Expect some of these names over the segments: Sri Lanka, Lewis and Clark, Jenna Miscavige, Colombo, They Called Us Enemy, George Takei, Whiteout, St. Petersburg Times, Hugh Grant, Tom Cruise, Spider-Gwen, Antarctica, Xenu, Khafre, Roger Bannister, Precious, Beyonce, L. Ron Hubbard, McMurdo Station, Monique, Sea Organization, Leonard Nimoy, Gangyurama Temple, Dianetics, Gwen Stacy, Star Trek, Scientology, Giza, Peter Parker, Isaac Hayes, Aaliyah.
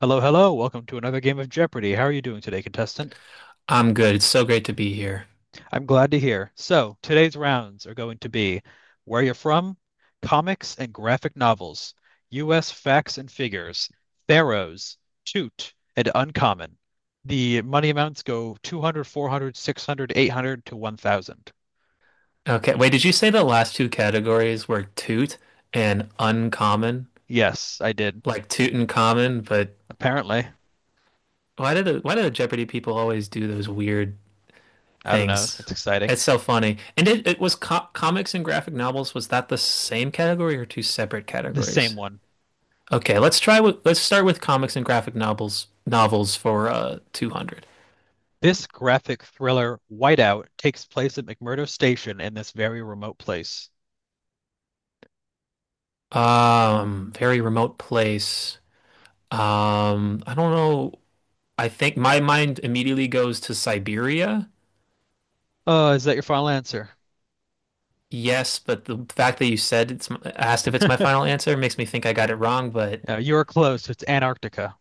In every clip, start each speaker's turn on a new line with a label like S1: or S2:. S1: Hello, hello. Welcome to another game of Jeopardy. How are you doing today, contestant?
S2: I'm good. It's so great to be here.
S1: I'm glad to hear. So, today's rounds are going to be Where You're From, Comics and Graphic Novels, U.S. Facts and Figures, Pharaohs, Toot, and Uncommon. The money amounts go 200, 400, 600, 800 to 1,000.
S2: Okay, wait, did you say the last two categories were toot and uncommon?
S1: Yes, I did.
S2: Like toot and common, but
S1: Apparently.
S2: why do the Jeopardy people always do those weird
S1: I don't know.
S2: things?
S1: It's exciting.
S2: It's so funny. And it was co comics and graphic novels. Was that the same category or two separate
S1: The same
S2: categories?
S1: one.
S2: Okay, let's start with comics and graphic novels for 200.
S1: This graphic thriller, Whiteout, takes place at McMurdo Station in this very remote place.
S2: Very remote place. I don't know. I think my mind immediately goes to Siberia.
S1: Oh, is that your final answer?
S2: Yes, but the fact that you said it's asked if it's my final answer makes me think I got it wrong, but
S1: Yeah, you are close. It's Antarctica.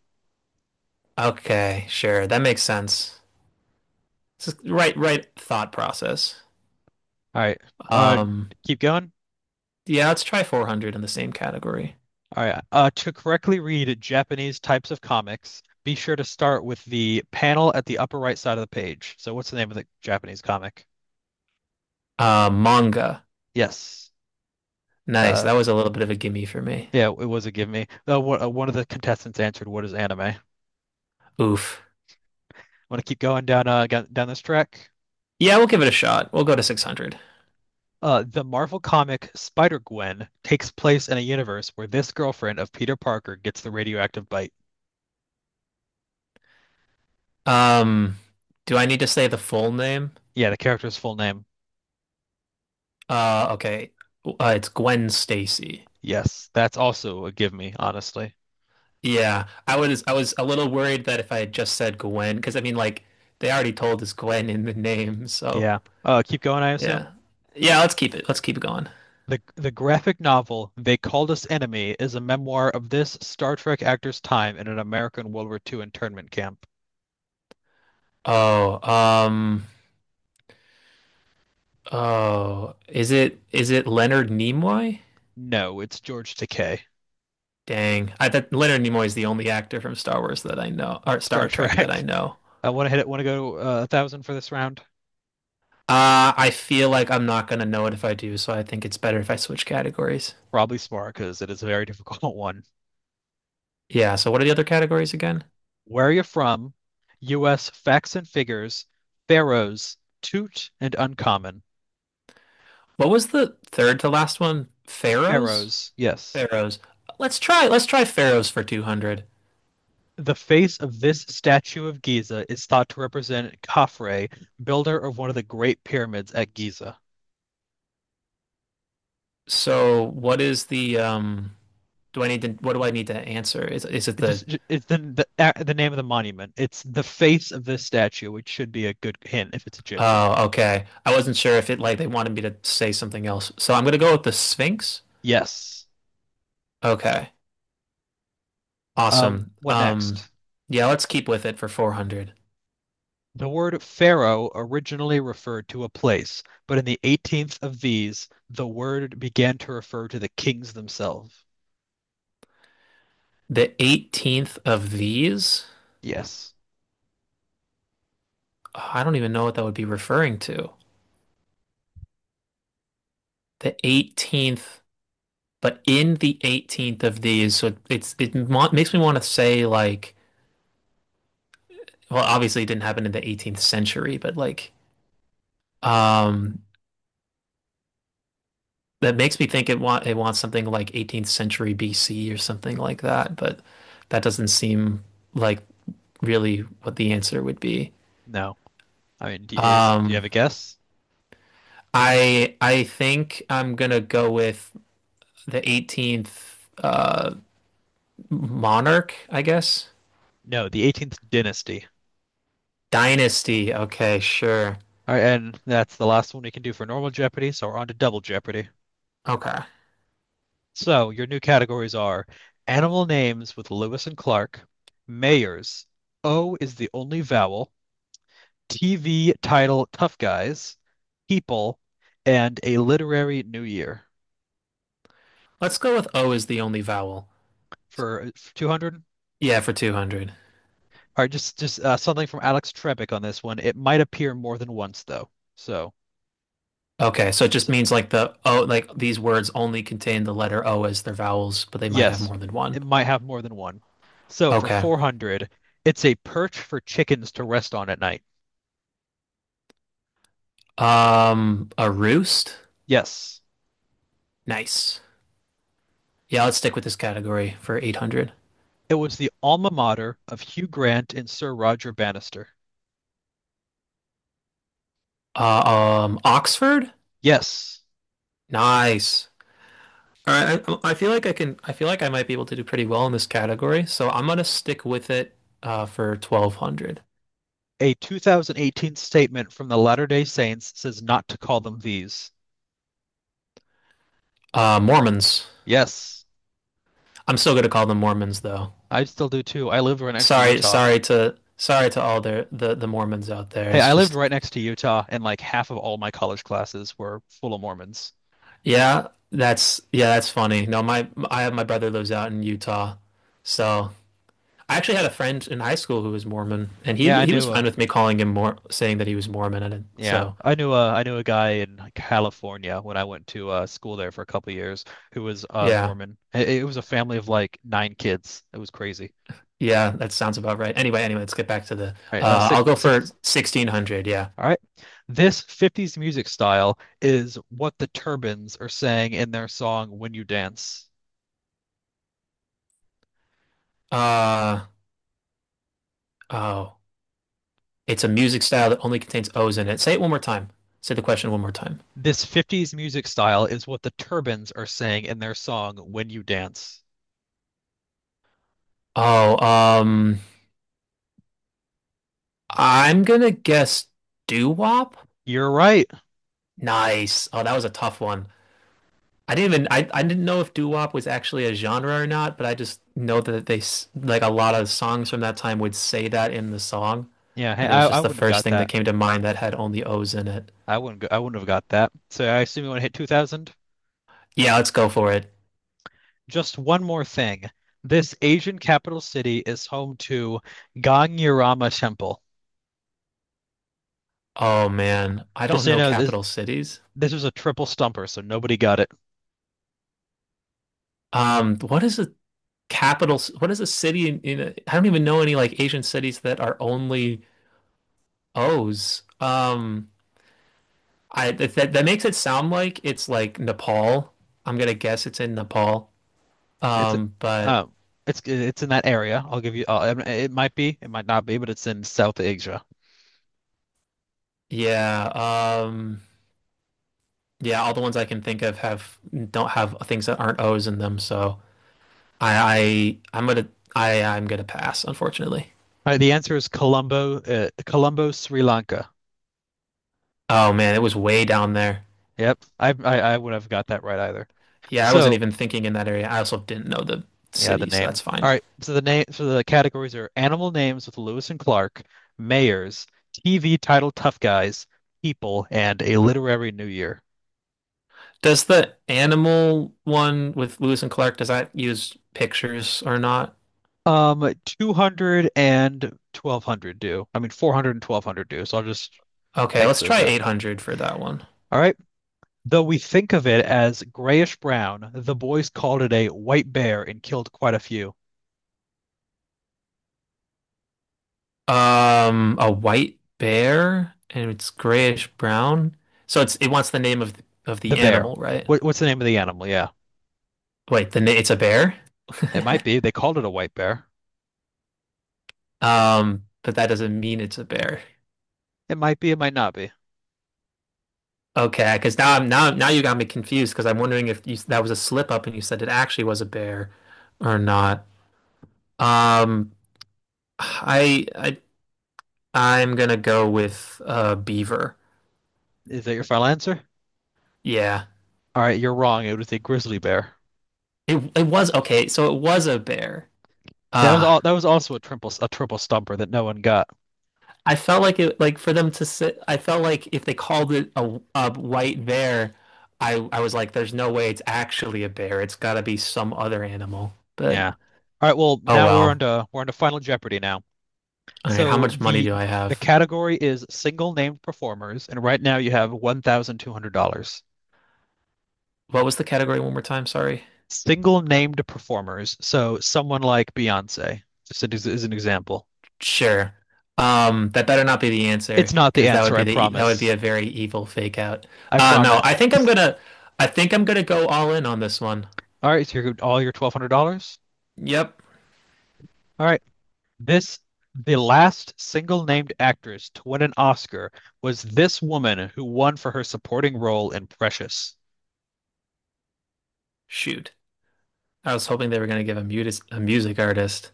S2: okay, sure. That makes sense. It's just right thought process.
S1: All right. Uh,
S2: Um
S1: Keep going.
S2: yeah, let's try 400 in the same category.
S1: All right. To correctly read Japanese types of comics, be sure to start with the panel at the upper right side of the page. So, what's the name of the Japanese comic?
S2: Manga.
S1: Yes.
S2: Nice.
S1: Uh,
S2: That was a little bit of a gimme for me.
S1: yeah, it was a give me. One of the contestants answered, "What is anime?" I
S2: Oof.
S1: want to keep going down this track.
S2: Yeah, we'll give it a shot. We'll go to 600.
S1: The Marvel comic Spider-Gwen takes place in a universe where this girlfriend of Peter Parker gets the radioactive bite.
S2: Um do I need to say the full name?
S1: Yeah, the character's full name.
S2: Okay. It's Gwen Stacy.
S1: Yes, that's also a give me, honestly.
S2: Yeah, I was a little worried that if I had just said Gwen, because I mean, like they already told us Gwen in the name, so
S1: Yeah. Keep going, I assume.
S2: yeah, yeah. Let's keep it. Let's keep it going.
S1: The graphic novel They Called Us Enemy is a memoir of this Star Trek actor's time in an American World War II internment camp.
S2: Oh, oh, is it Leonard Nimoy?
S1: No, it's George Takei.
S2: Dang, I thought Leonard Nimoy is the only actor from Star Wars that I know, or
S1: Star
S2: Star Trek that I
S1: Trek.
S2: know.
S1: I want to hit it. Want to go 1,000 for this round?
S2: I feel like I'm not gonna know it if I do, so I think it's better if I switch categories.
S1: Probably smart because it is a very difficult one.
S2: Yeah. So what are the other categories again?
S1: Where are you from? U.S. Facts and figures. Pharaohs. Toot and uncommon.
S2: What was the third to last one? Pharaohs?
S1: Pharaohs. Yes.
S2: Pharaohs. Let's try Pharaohs for 200.
S1: The face of this statue of Giza is thought to represent Khafre, builder of one of the great pyramids at Giza.
S2: So what is the do I need to What do I need to answer? Is it
S1: It
S2: the.
S1: just it's the the, the name of the monument. It's the face of this statue, which should be a good hint if it's Egyptian.
S2: Oh, okay. I wasn't sure if it like they wanted me to say something else. So I'm gonna go with the Sphinx.
S1: Yes.
S2: Okay. Awesome.
S1: What
S2: Um
S1: next?
S2: yeah, let's keep with it for 400.
S1: The word pharaoh originally referred to a place, but in the 18th of these, the word began to refer to the kings themselves.
S2: The 18th of these?
S1: Yes.
S2: Oh, I don't even know what that would be referring to. The 18th, but in the 18th of these, so it makes me want to say like well, obviously it didn't happen in the 18th century, but um that makes me think it wants something like 18th century BC or something like that, but that doesn't seem like really what the answer would be.
S1: No. I mean, do you have
S2: Um
S1: a guess?
S2: I think I'm gonna go with the 18th uh monarch, I guess.
S1: No, the 18th dynasty.
S2: Dynasty. Okay, sure.
S1: All right, and that's the last one we can do for normal Jeopardy, so we're on to double Jeopardy.
S2: Okay.
S1: So your new categories are animal names with Lewis and Clark, mayors, O is the only vowel, TV title Tough Guys, people, and a literary new year
S2: Let's go with O is the only vowel.
S1: for 200. All
S2: Yeah, for 200.
S1: right, just something from Alex Trebek on this one. It might appear more than once though. So,
S2: Okay, so it just
S1: so
S2: means like the O, like these words only contain the letter O as their vowels, but they might have
S1: Yes,
S2: more than one.
S1: it might have more than one. So for
S2: Okay.
S1: 400, it's a perch for chickens to rest on at night.
S2: A roost?
S1: Yes,
S2: Nice. Yeah, let's stick with this category for 800.
S1: it was the alma mater of Hugh Grant and Sir Roger Bannister.
S2: Uh, Oxford?
S1: Yes,
S2: Nice. All right, I feel like I can, I feel like I might be able to do pretty well in this category, so I'm gonna stick with it for 1200.
S1: a 2018 statement from the Latter-day Saints says not to call them these.
S2: Mormons.
S1: Yes,
S2: I'm still gonna call them Mormons though.
S1: I still do too. I lived right next to
S2: Sorry,
S1: Utah.
S2: sorry to all the Mormons out there.
S1: Hey,
S2: It's
S1: I lived
S2: just.
S1: right next to Utah, and like half of all my college classes were full of Mormons.
S2: Yeah, that's funny. No, my I have my brother lives out in Utah. So I actually had a friend in high school who was Mormon and
S1: Yeah,
S2: he
S1: I
S2: he was
S1: knew uh,
S2: fine with me calling him more saying that he was Mormon
S1: Yeah,
S2: so
S1: I knew a guy in like, California when I went to school there for a couple of years who was
S2: yeah.
S1: Mormon. It was a family of like nine kids. It was crazy.
S2: Yeah, that sounds about right. Anyway, let's get back to the
S1: All right.
S2: I'll
S1: Six,
S2: go for
S1: six.
S2: 1600, yeah.
S1: All right, this '50s music style is what the Turbans are saying in their song "When You Dance."
S2: Uh oh. It's a music style that only contains O's in it. Say it one more time. Say the question one more time.
S1: This '50s music style is what the Turbans are saying in their song "When You Dance."
S2: Oh, I'm gonna guess doo-wop.
S1: You're right.
S2: Nice. Oh, that was a tough one. I didn't know if doo wop was actually a genre or not, but I just know that like a lot of songs from that time would say that in the song,
S1: Yeah, hey,
S2: and it
S1: I
S2: was
S1: I
S2: just the
S1: wouldn't have
S2: first
S1: got
S2: thing that
S1: that.
S2: came to mind that had only O's in it.
S1: I wouldn't have got that. So I assume you want to hit 2000.
S2: Yeah, let's go for it.
S1: Just one more thing. This Asian capital city is home to Gangyurama Temple.
S2: Oh man, I
S1: Just
S2: don't
S1: so you
S2: know
S1: know, this
S2: capital cities.
S1: this was a triple stumper, so nobody got it.
S2: What is a capital? What is a city in a, I don't even know any like Asian cities that are only O's. I that that that makes it sound like it's like Nepal. I'm gonna guess it's in Nepal.
S1: It's
S2: But.
S1: um, it's in that area. I'll give you. It might be, it might not be, but it's in South Asia.
S2: Yeah, yeah, all the ones I can think of have don't have things that aren't O's in them, so I, I I'm gonna I'm gonna pass, unfortunately.
S1: All right, the answer is Colombo, Sri Lanka.
S2: Oh man, it was way down there.
S1: Yep, I would have got that right either.
S2: Yeah, I wasn't
S1: So
S2: even thinking in that area. I also didn't know the
S1: Yeah, the
S2: city, so
S1: name.
S2: that's
S1: All
S2: fine.
S1: right. So the categories are animal names with Lewis and Clark, mayors, TV title tough guys, people, and a literary new year.
S2: Does the animal one with Lewis and Clark, does that use pictures or not?
S1: Two hundred and 1200 do. I mean, four hundred and twelve hundred do. So I'll just
S2: Okay,
S1: X
S2: let's
S1: those
S2: try
S1: out.
S2: 800 for that one.
S1: All right. Though we think of it as grayish brown, the boys called it a white bear and killed quite a few.
S2: A white bear and it's grayish brown. So it wants the name of the
S1: The bear.
S2: animal, right?
S1: What's the name of the animal? Yeah.
S2: Wait, the na it's a bear?
S1: It might be. They called it a white bear.
S2: But that doesn't mean it's a bear.
S1: It might be. It might not be.
S2: Okay, because now I'm now now you got me confused because I'm wondering if you, that was a slip up and you said it actually was a bear or not. Um, I I I'm gonna go with beaver.
S1: Is that your final answer?
S2: Yeah,
S1: All right, you're wrong. It was a grizzly bear.
S2: it was okay. So it was a bear.
S1: Yeah, that was all.
S2: Ah.
S1: That was also a triple stumper that no one got.
S2: I felt like it, like for them to sit, I felt like if they called it a white bear, I was like, there's no way it's actually a bear. It's got to be some other animal. But
S1: Yeah. All right. Well,
S2: oh
S1: now we're on
S2: well.
S1: to we're on to Final Jeopardy now.
S2: All right, how
S1: So
S2: much money
S1: the
S2: do I
S1: the
S2: have?
S1: category is single named performers, and right now you have $1,200.
S2: What was the category one more time? Sorry.
S1: Single named performers. So someone like Beyonce, just as an example.
S2: Sure. That better not be the
S1: It's
S2: answer
S1: not the
S2: because that would
S1: answer,
S2: be
S1: I
S2: that would be
S1: promise.
S2: a very evil fake out.
S1: I
S2: No,
S1: promise.
S2: I think I'm gonna go all in on this one.
S1: All right, so you're all your $1,200.
S2: Yep.
S1: All right. This the last single named actress to win an Oscar was this woman who won for her supporting role in Precious. Is
S2: Shoot. I was hoping they were gonna give a music artist.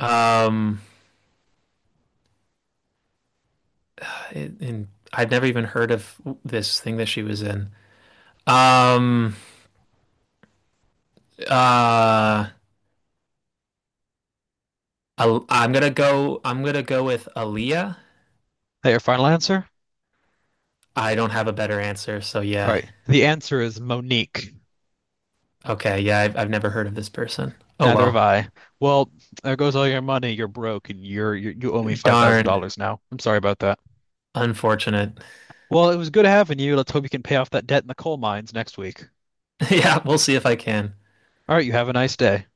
S2: Um. And I've never even heard of this thing that she was in. Um, uh, I'm gonna go. I'm gonna go with Aaliyah.
S1: that your final answer?
S2: I don't have a better answer, so
S1: All
S2: yeah.
S1: right. The answer is Monique.
S2: Okay, yeah, I've never heard of this person. Oh
S1: Neither have
S2: well,
S1: I. Well, there goes all your money. You're broke, and you owe me five thousand
S2: darn,
S1: dollars now. I'm sorry about that.
S2: unfortunate.
S1: Well, it was good having you. Let's hope you can pay off that debt in the coal mines next week.
S2: Yeah, we'll see if I can.
S1: All right. You have a nice day.